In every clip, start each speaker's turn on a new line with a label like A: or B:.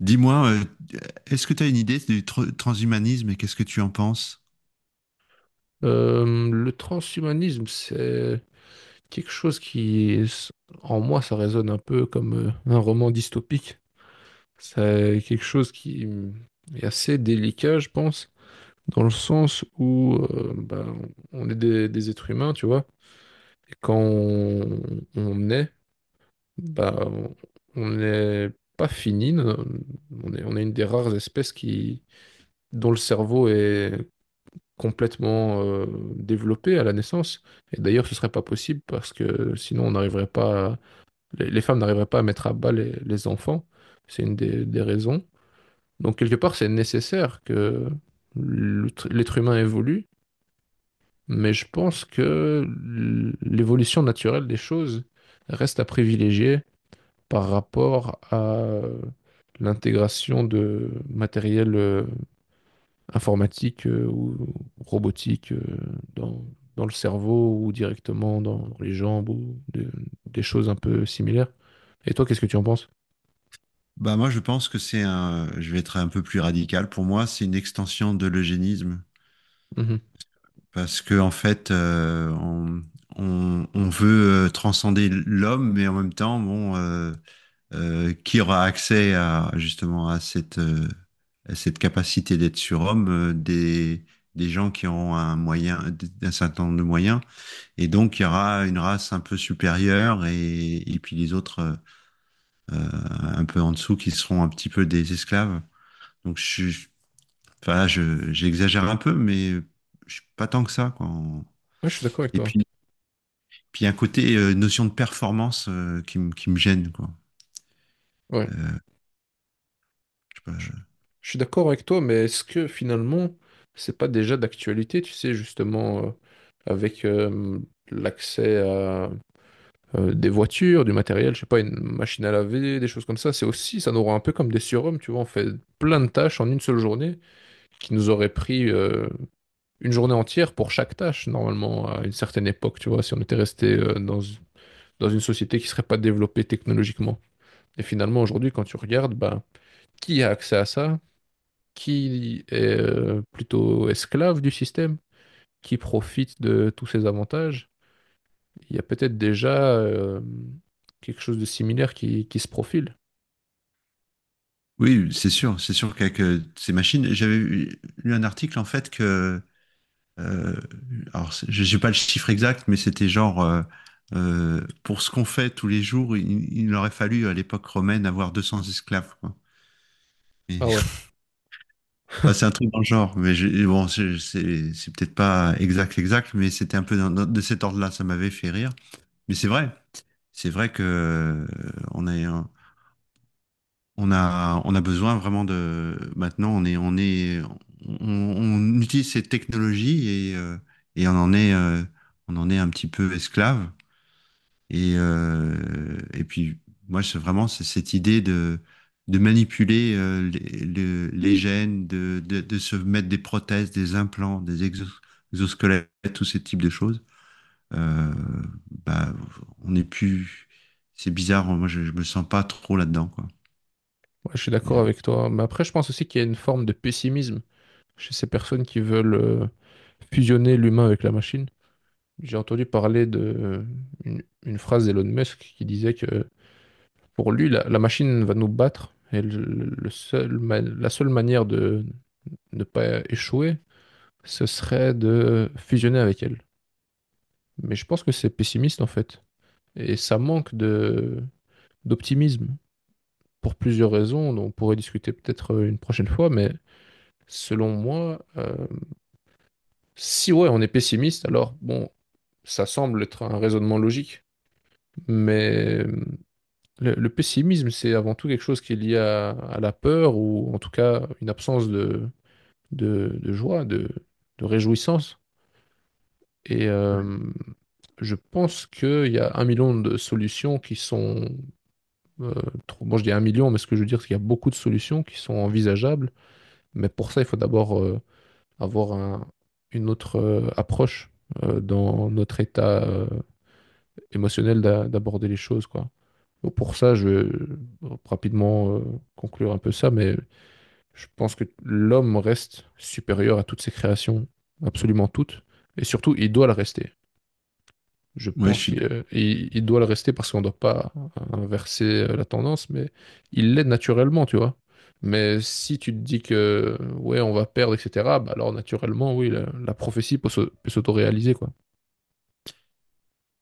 A: Dis-moi, est-ce que tu as une idée du transhumanisme et qu'est-ce que tu en penses?
B: Le transhumanisme, c'est quelque chose qui, en moi, ça résonne un peu comme un roman dystopique. C'est quelque chose qui est assez délicat, je pense, dans le sens où on est des êtres humains, tu vois, et quand on est, bah, on n'est pas fini. On est une des rares espèces qui, dont le cerveau est complètement développée à la naissance. Et d'ailleurs, ce serait pas possible parce que sinon, on n'arriverait pas, les femmes n'arriveraient pas à mettre à bas les enfants. C'est une des raisons. Donc, quelque part, c'est nécessaire que l'être humain évolue, mais je pense que l'évolution naturelle des choses reste à privilégier par rapport à l'intégration de matériel informatique ou robotique dans, dans le cerveau ou directement dans les jambes ou des choses un peu similaires. Et toi, qu'est-ce que tu en penses?
A: Bah moi, je pense que je vais être un peu plus radical. Pour moi, c'est une extension de l'eugénisme
B: Mhm.
A: parce que en fait, on veut transcender l'homme, mais en même temps, qui aura accès à justement à cette capacité d'être surhomme, des gens qui auront un certain nombre de moyens. Et donc, il y aura une race un peu supérieure et puis les autres, un peu en dessous, qui seront un petit peu des esclaves. Donc, je suis, enfin là, j'exagère un peu, mais je suis pas tant que ça, quoi.
B: Ouais, je suis d'accord avec
A: Et
B: toi.
A: puis, il y a un côté notion de performance, qui me gêne, quoi.
B: Ouais.
A: Euh, je sais pas.
B: Je, je suis d'accord avec toi, mais est-ce que finalement, c'est pas déjà d'actualité, tu sais, justement, avec l'accès à des voitures, du matériel, je sais pas, une machine à laver, des choses comme ça, c'est aussi, ça nous rend un peu comme des surhommes, tu vois, on fait plein de tâches en une seule journée qui nous auraient pris une journée entière pour chaque tâche, normalement, à une certaine époque, tu vois, si on était resté dans une société qui ne serait pas développée technologiquement. Et finalement, aujourd'hui, quand tu regardes, bah, qui a accès à ça? Qui est plutôt esclave du système? Qui profite de tous ces avantages? Il y a peut-être déjà quelque chose de similaire qui se profile.
A: Oui, c'est sûr qu'avec ces machines, j'avais lu un article en fait que Euh, je n'ai pas le chiffre exact, mais c'était genre, pour ce qu'on fait tous les jours, il aurait fallu à l'époque romaine avoir 200 esclaves, quoi. Et-
B: Ah ouais,
A: enfin, c'est un truc dans le genre, mais bon, c'est peut-être pas exact, exact, mais c'était un peu de cet ordre-là, ça m'avait fait rire. Mais c'est vrai que on est, un- on a besoin vraiment de. Maintenant, on utilise ces technologies et on en est un petit peu esclave. Et, moi, c'est vraiment c'est cette idée de manipuler les gènes, de se mettre des prothèses, des implants, des exosquelettes, tous ces types de choses. Euh, bah, on n'est plus. C'est bizarre, moi, je me sens pas trop là-dedans, quoi.
B: ouais, je suis
A: Et, euh,
B: d'accord avec toi. Mais après, je pense aussi qu'il y a une forme de pessimisme chez ces personnes qui veulent fusionner l'humain avec la machine. J'ai entendu parler de une phrase d'Elon Musk qui disait que pour lui, la machine va nous battre et la seule manière de ne pas échouer, ce serait de fusionner avec elle. Mais je pense que c'est pessimiste en fait. Et ça manque de d'optimisme pour plusieurs raisons dont on pourrait discuter peut-être une prochaine fois. Mais selon moi, si ouais, on est pessimiste, alors bon, ça semble être un raisonnement logique. Mais le le, pessimisme, c'est avant tout quelque chose qui est lié à la peur ou en tout cas une absence de joie, de réjouissance. Et je pense qu'il y a un million de solutions qui sont, euh, bon, je dis 1 million, mais ce que je veux dire, c'est qu'il y a beaucoup de solutions qui sont envisageables. Mais pour ça, il faut d'abord avoir un- une autre approche dans notre état émotionnel d'aborder les choses, quoi. Donc, pour ça, je vais rapidement conclure un peu ça, mais je pense que l'homme reste supérieur à toutes ses créations, absolument toutes, et surtout, il doit le rester. Je
A: ouais, je
B: pense
A: suis
B: qu'il il doit le rester parce qu'on ne doit pas inverser la tendance, mais il l'est naturellement, tu vois. Mais si tu te dis que ouais, on va perdre, etc., bah alors naturellement, oui, la prophétie peut s'autoréaliser, quoi.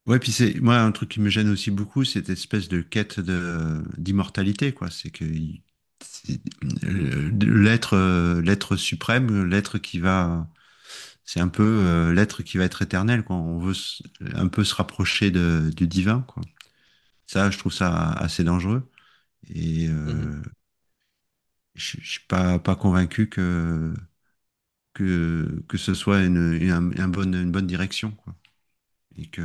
A: Ouais, puis c'est moi un truc qui me gêne aussi beaucoup, cette espèce de quête de d'immortalité, quoi. C'est que c'est- l'être suprême, l'être qui va, c'est un peu l'être qui va être éternel, quoi. On veut un peu se rapprocher de, du divin, quoi. Ça, je trouve ça assez dangereux. Et
B: Mhm.
A: je suis pas convaincu que ce soit une bonne direction, quoi. Et que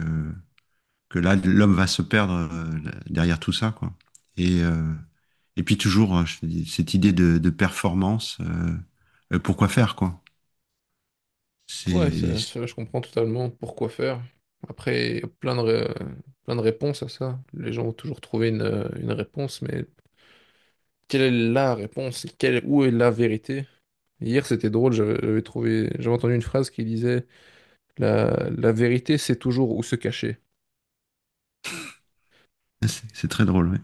A: que là, l'homme va se perdre derrière tout ça, quoi. Et, et puis toujours, hein, je te dis, cette idée de performance, pourquoi faire, quoi.
B: Ouais,
A: C'est,
B: ça, je comprends totalement pourquoi faire. Après, il y a plein de réponses à ça. Les gens ont toujours trouvé une réponse, mais quelle est la réponse? Quelle, où est la vérité? Hier, c'était drôle, j'avais entendu une phrase qui disait la vérité, c'est toujours où se cacher.
A: c'est très drôle, ouais.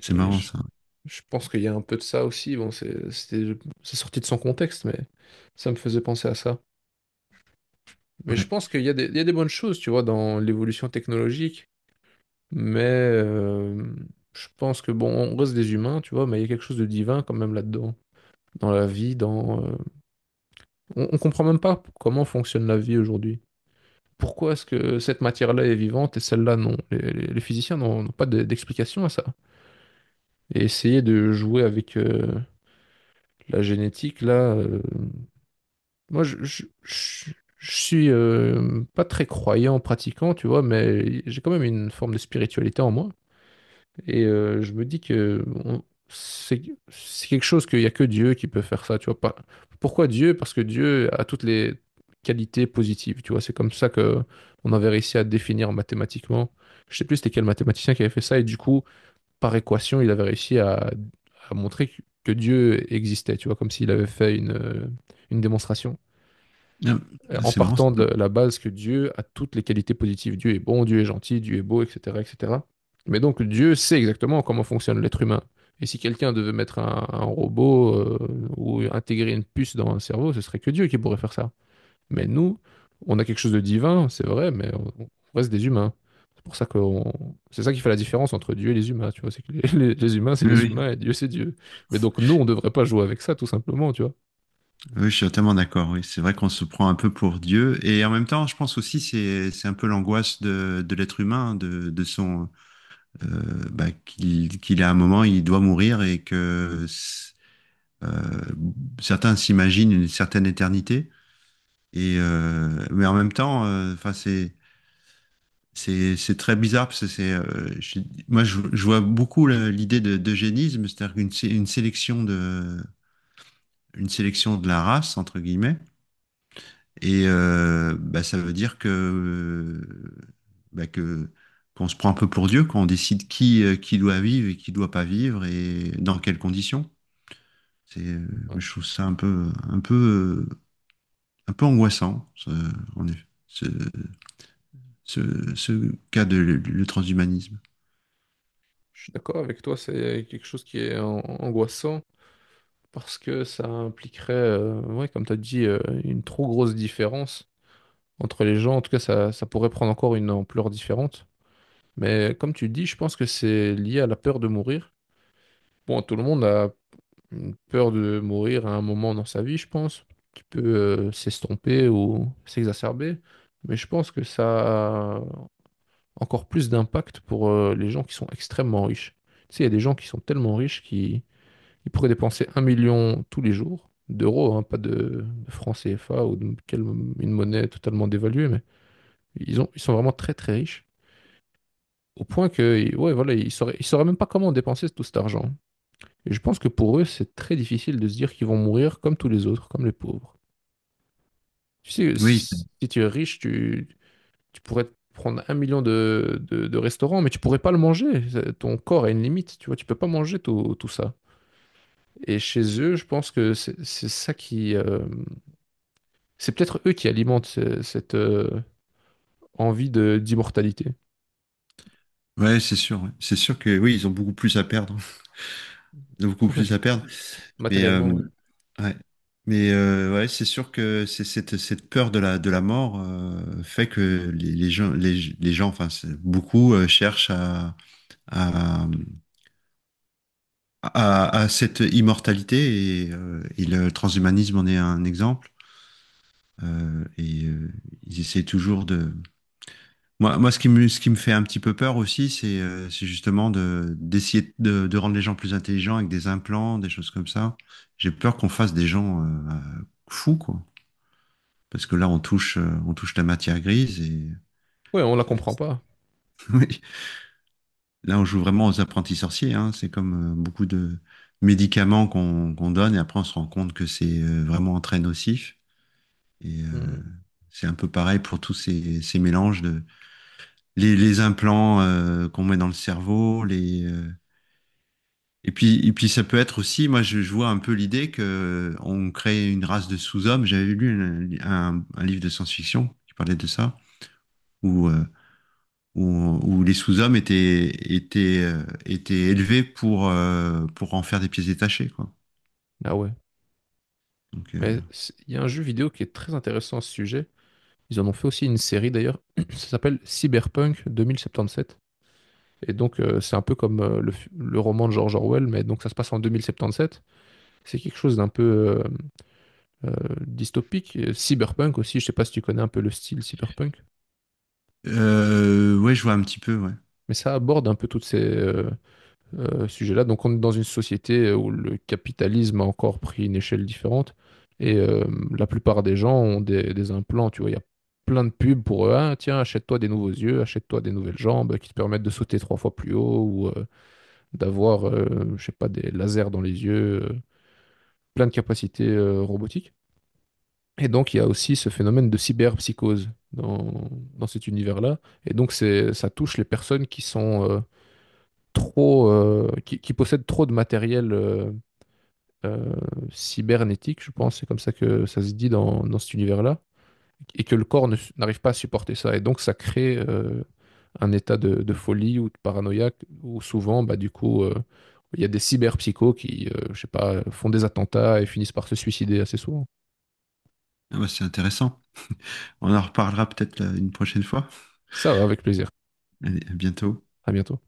A: C'est
B: Et
A: marrant, ça.
B: je pense qu'il y a un peu de ça aussi. Bon, c'est sorti de son contexte, mais ça me faisait penser à ça. Mais
A: Ouais.
B: je pense qu'il y a il y a des bonnes choses, tu vois, dans l'évolution technologique. Mais je pense que bon, on reste des humains, tu vois, mais il y a quelque chose de divin quand même là-dedans, dans la vie, dans. On comprend même pas comment fonctionne la vie aujourd'hui. Pourquoi est-ce que cette matière-là est vivante et celle-là non? Les physiciens n'ont pas d'explication à ça. Et essayer de jouer avec la génétique, là, moi, je suis pas très croyant, pratiquant, tu vois, mais j'ai quand même une forme de spiritualité en moi. Et je me dis que c'est quelque chose qu'il n'y a que Dieu qui peut faire ça, tu vois. Pas, pourquoi Dieu? Parce que Dieu a toutes les qualités positives, tu vois. C'est comme ça que on avait réussi à définir mathématiquement. Je sais plus c'était quel mathématicien qui avait fait ça, et du coup, par équation, il avait réussi à montrer que Dieu existait, tu vois, comme s'il avait fait une démonstration
A: Ah,
B: en
A: c'est marrant. Ça.
B: partant de la base que Dieu a toutes les qualités positives. Dieu est bon, Dieu est gentil, Dieu est beau, etc., etc. Mais donc Dieu sait exactement comment fonctionne l'être humain. Et si quelqu'un devait mettre un robot ou intégrer une puce dans un cerveau, ce serait que Dieu qui pourrait faire ça. Mais nous, on a quelque chose de divin, c'est vrai, mais on reste des humains. C'est pour ça que c'est ça qui fait la différence entre Dieu et les humains, tu vois. C'est que les humains, c'est les
A: Oui, oui.
B: humains et Dieu, c'est Dieu. Mais donc nous, on ne devrait pas jouer avec ça, tout simplement, tu vois.
A: Oui, je suis totalement d'accord. Oui, c'est vrai qu'on se prend un peu pour Dieu. Et en même temps, je pense aussi c'est un peu l'angoisse de l'être humain, de son qu'il a un moment, il doit mourir et que euh, certains s'imaginent une certaine éternité. Et en même temps, enfin c'est très bizarre parce que moi je vois beaucoup l'idée de d'eugénisme, c'est-à-dire une sélection de la race entre guillemets. Et ça veut dire que bah, que qu'on se prend un peu pour Dieu quand on décide qui doit vivre et qui doit pas vivre et dans quelles conditions. C'est
B: Ouais.
A: je trouve ça un peu angoissant, en effet, ce cas de le transhumanisme.
B: Je suis d'accord avec toi, c'est quelque chose qui est angoissant parce que ça impliquerait, ouais, comme tu as dit, une trop grosse différence entre les gens. En tout cas, ça pourrait prendre encore une ampleur différente. Mais comme tu dis, je pense que c'est lié à la peur de mourir. Bon, tout le monde a une peur de mourir à un moment dans sa vie, je pense, qui peut s'estomper ou s'exacerber. Mais je pense que ça a encore plus d'impact pour les gens qui sont extrêmement riches. Tu sais, il y a des gens qui sont tellement riches qui il pourrait dépenser 1 million tous les jours d'euros, hein, pas de francs CFA ou de quelle- une monnaie totalement dévaluée, mais ils sont vraiment très très riches. Au point que, ouais, voilà, ils sauraient même pas comment dépenser tout cet argent. Et je pense que pour eux, c'est très difficile de se dire qu'ils vont mourir comme tous les autres, comme les pauvres. Tu sais, si,
A: Oui,
B: si tu es riche, tu pourrais te prendre 1 million de restaurants, mais tu pourrais pas le manger. Ton corps a une limite, tu vois, tu peux pas manger tout, tout ça. Et chez eux, je pense que c'est ça qui, c'est peut-être eux qui alimentent cette envie de d'immortalité.
A: ouais, c'est sûr. Ouais. C'est sûr que oui, ils ont beaucoup plus à perdre. Ils ont beaucoup
B: Ouais,
A: plus à perdre. Mais euh,
B: matériellement, ouais.
A: ouais. Mais ouais, c'est sûr que c'est cette, cette peur de la mort fait que les gens enfin beaucoup cherchent à, à cette immortalité et le transhumanisme en est un exemple, euh, et euh, ils essaient toujours de Moi, moi, ce qui me fait un petit peu peur aussi, c'est justement de d'essayer de rendre les gens plus intelligents avec des implants, des choses comme ça. J'ai peur qu'on fasse des gens fous, quoi. Parce que là, on touche la matière grise
B: Ouais, on la
A: ça-
B: comprend pas.
A: oui. Là, on joue vraiment aux apprentis sorciers, hein. C'est comme beaucoup de médicaments qu'on donne et après, on se rend compte que c'est vraiment très nocif. Et
B: Hmm.
A: c'est un peu pareil pour ces mélanges de les implants qu'on met dans le cerveau, les et puis, ça peut être aussi, moi je vois un peu l'idée que on crée une race de sous-hommes. J'avais lu un livre de science-fiction qui parlait de ça, où, euh, où les sous-hommes étaient, étaient élevés pour en faire des pièces détachées, quoi.
B: Ah ouais.
A: Donc, euh,
B: Mais c'est- il y a un jeu vidéo qui est très intéressant à ce sujet. Ils en ont fait aussi une série d'ailleurs. Ça s'appelle Cyberpunk 2077. Et donc, c'est un peu comme le roman de George Orwell, mais donc ça se passe en 2077. C'est quelque chose d'un peu euh, euh, dystopique. Et Cyberpunk aussi, je sais pas si tu connais un peu le style cyberpunk,
A: ouais, je vois un petit peu, ouais.
B: mais ça aborde un peu toutes ces, sujet-là. Donc on est dans une société où le capitalisme a encore pris une échelle différente et la plupart des gens ont des implants, tu vois, il y a plein de pubs pour eux. Ah, tiens, achète-toi des nouveaux yeux, achète-toi des nouvelles jambes qui te permettent de sauter trois fois plus haut ou d'avoir, je sais pas, des lasers dans les yeux, plein de capacités robotiques. Et donc, il y a aussi ce phénomène de cyberpsychose dans cet univers-là. Et donc, c'est, ça touche les personnes qui sont trop, qui possèdent trop de matériel euh, cybernétique, je pense, c'est comme ça que ça se dit dans cet univers-là, et que le corps n'arrive pas à supporter ça. Et donc, ça crée un état de folie ou de paranoïa où souvent, bah, du coup, il y a des cyberpsychos qui, je sais pas, font des attentats et finissent par se suicider assez souvent.
A: Ah bah, c'est intéressant. On en reparlera peut-être une prochaine fois.
B: Ça va, avec plaisir.
A: Allez, à bientôt.
B: À bientôt.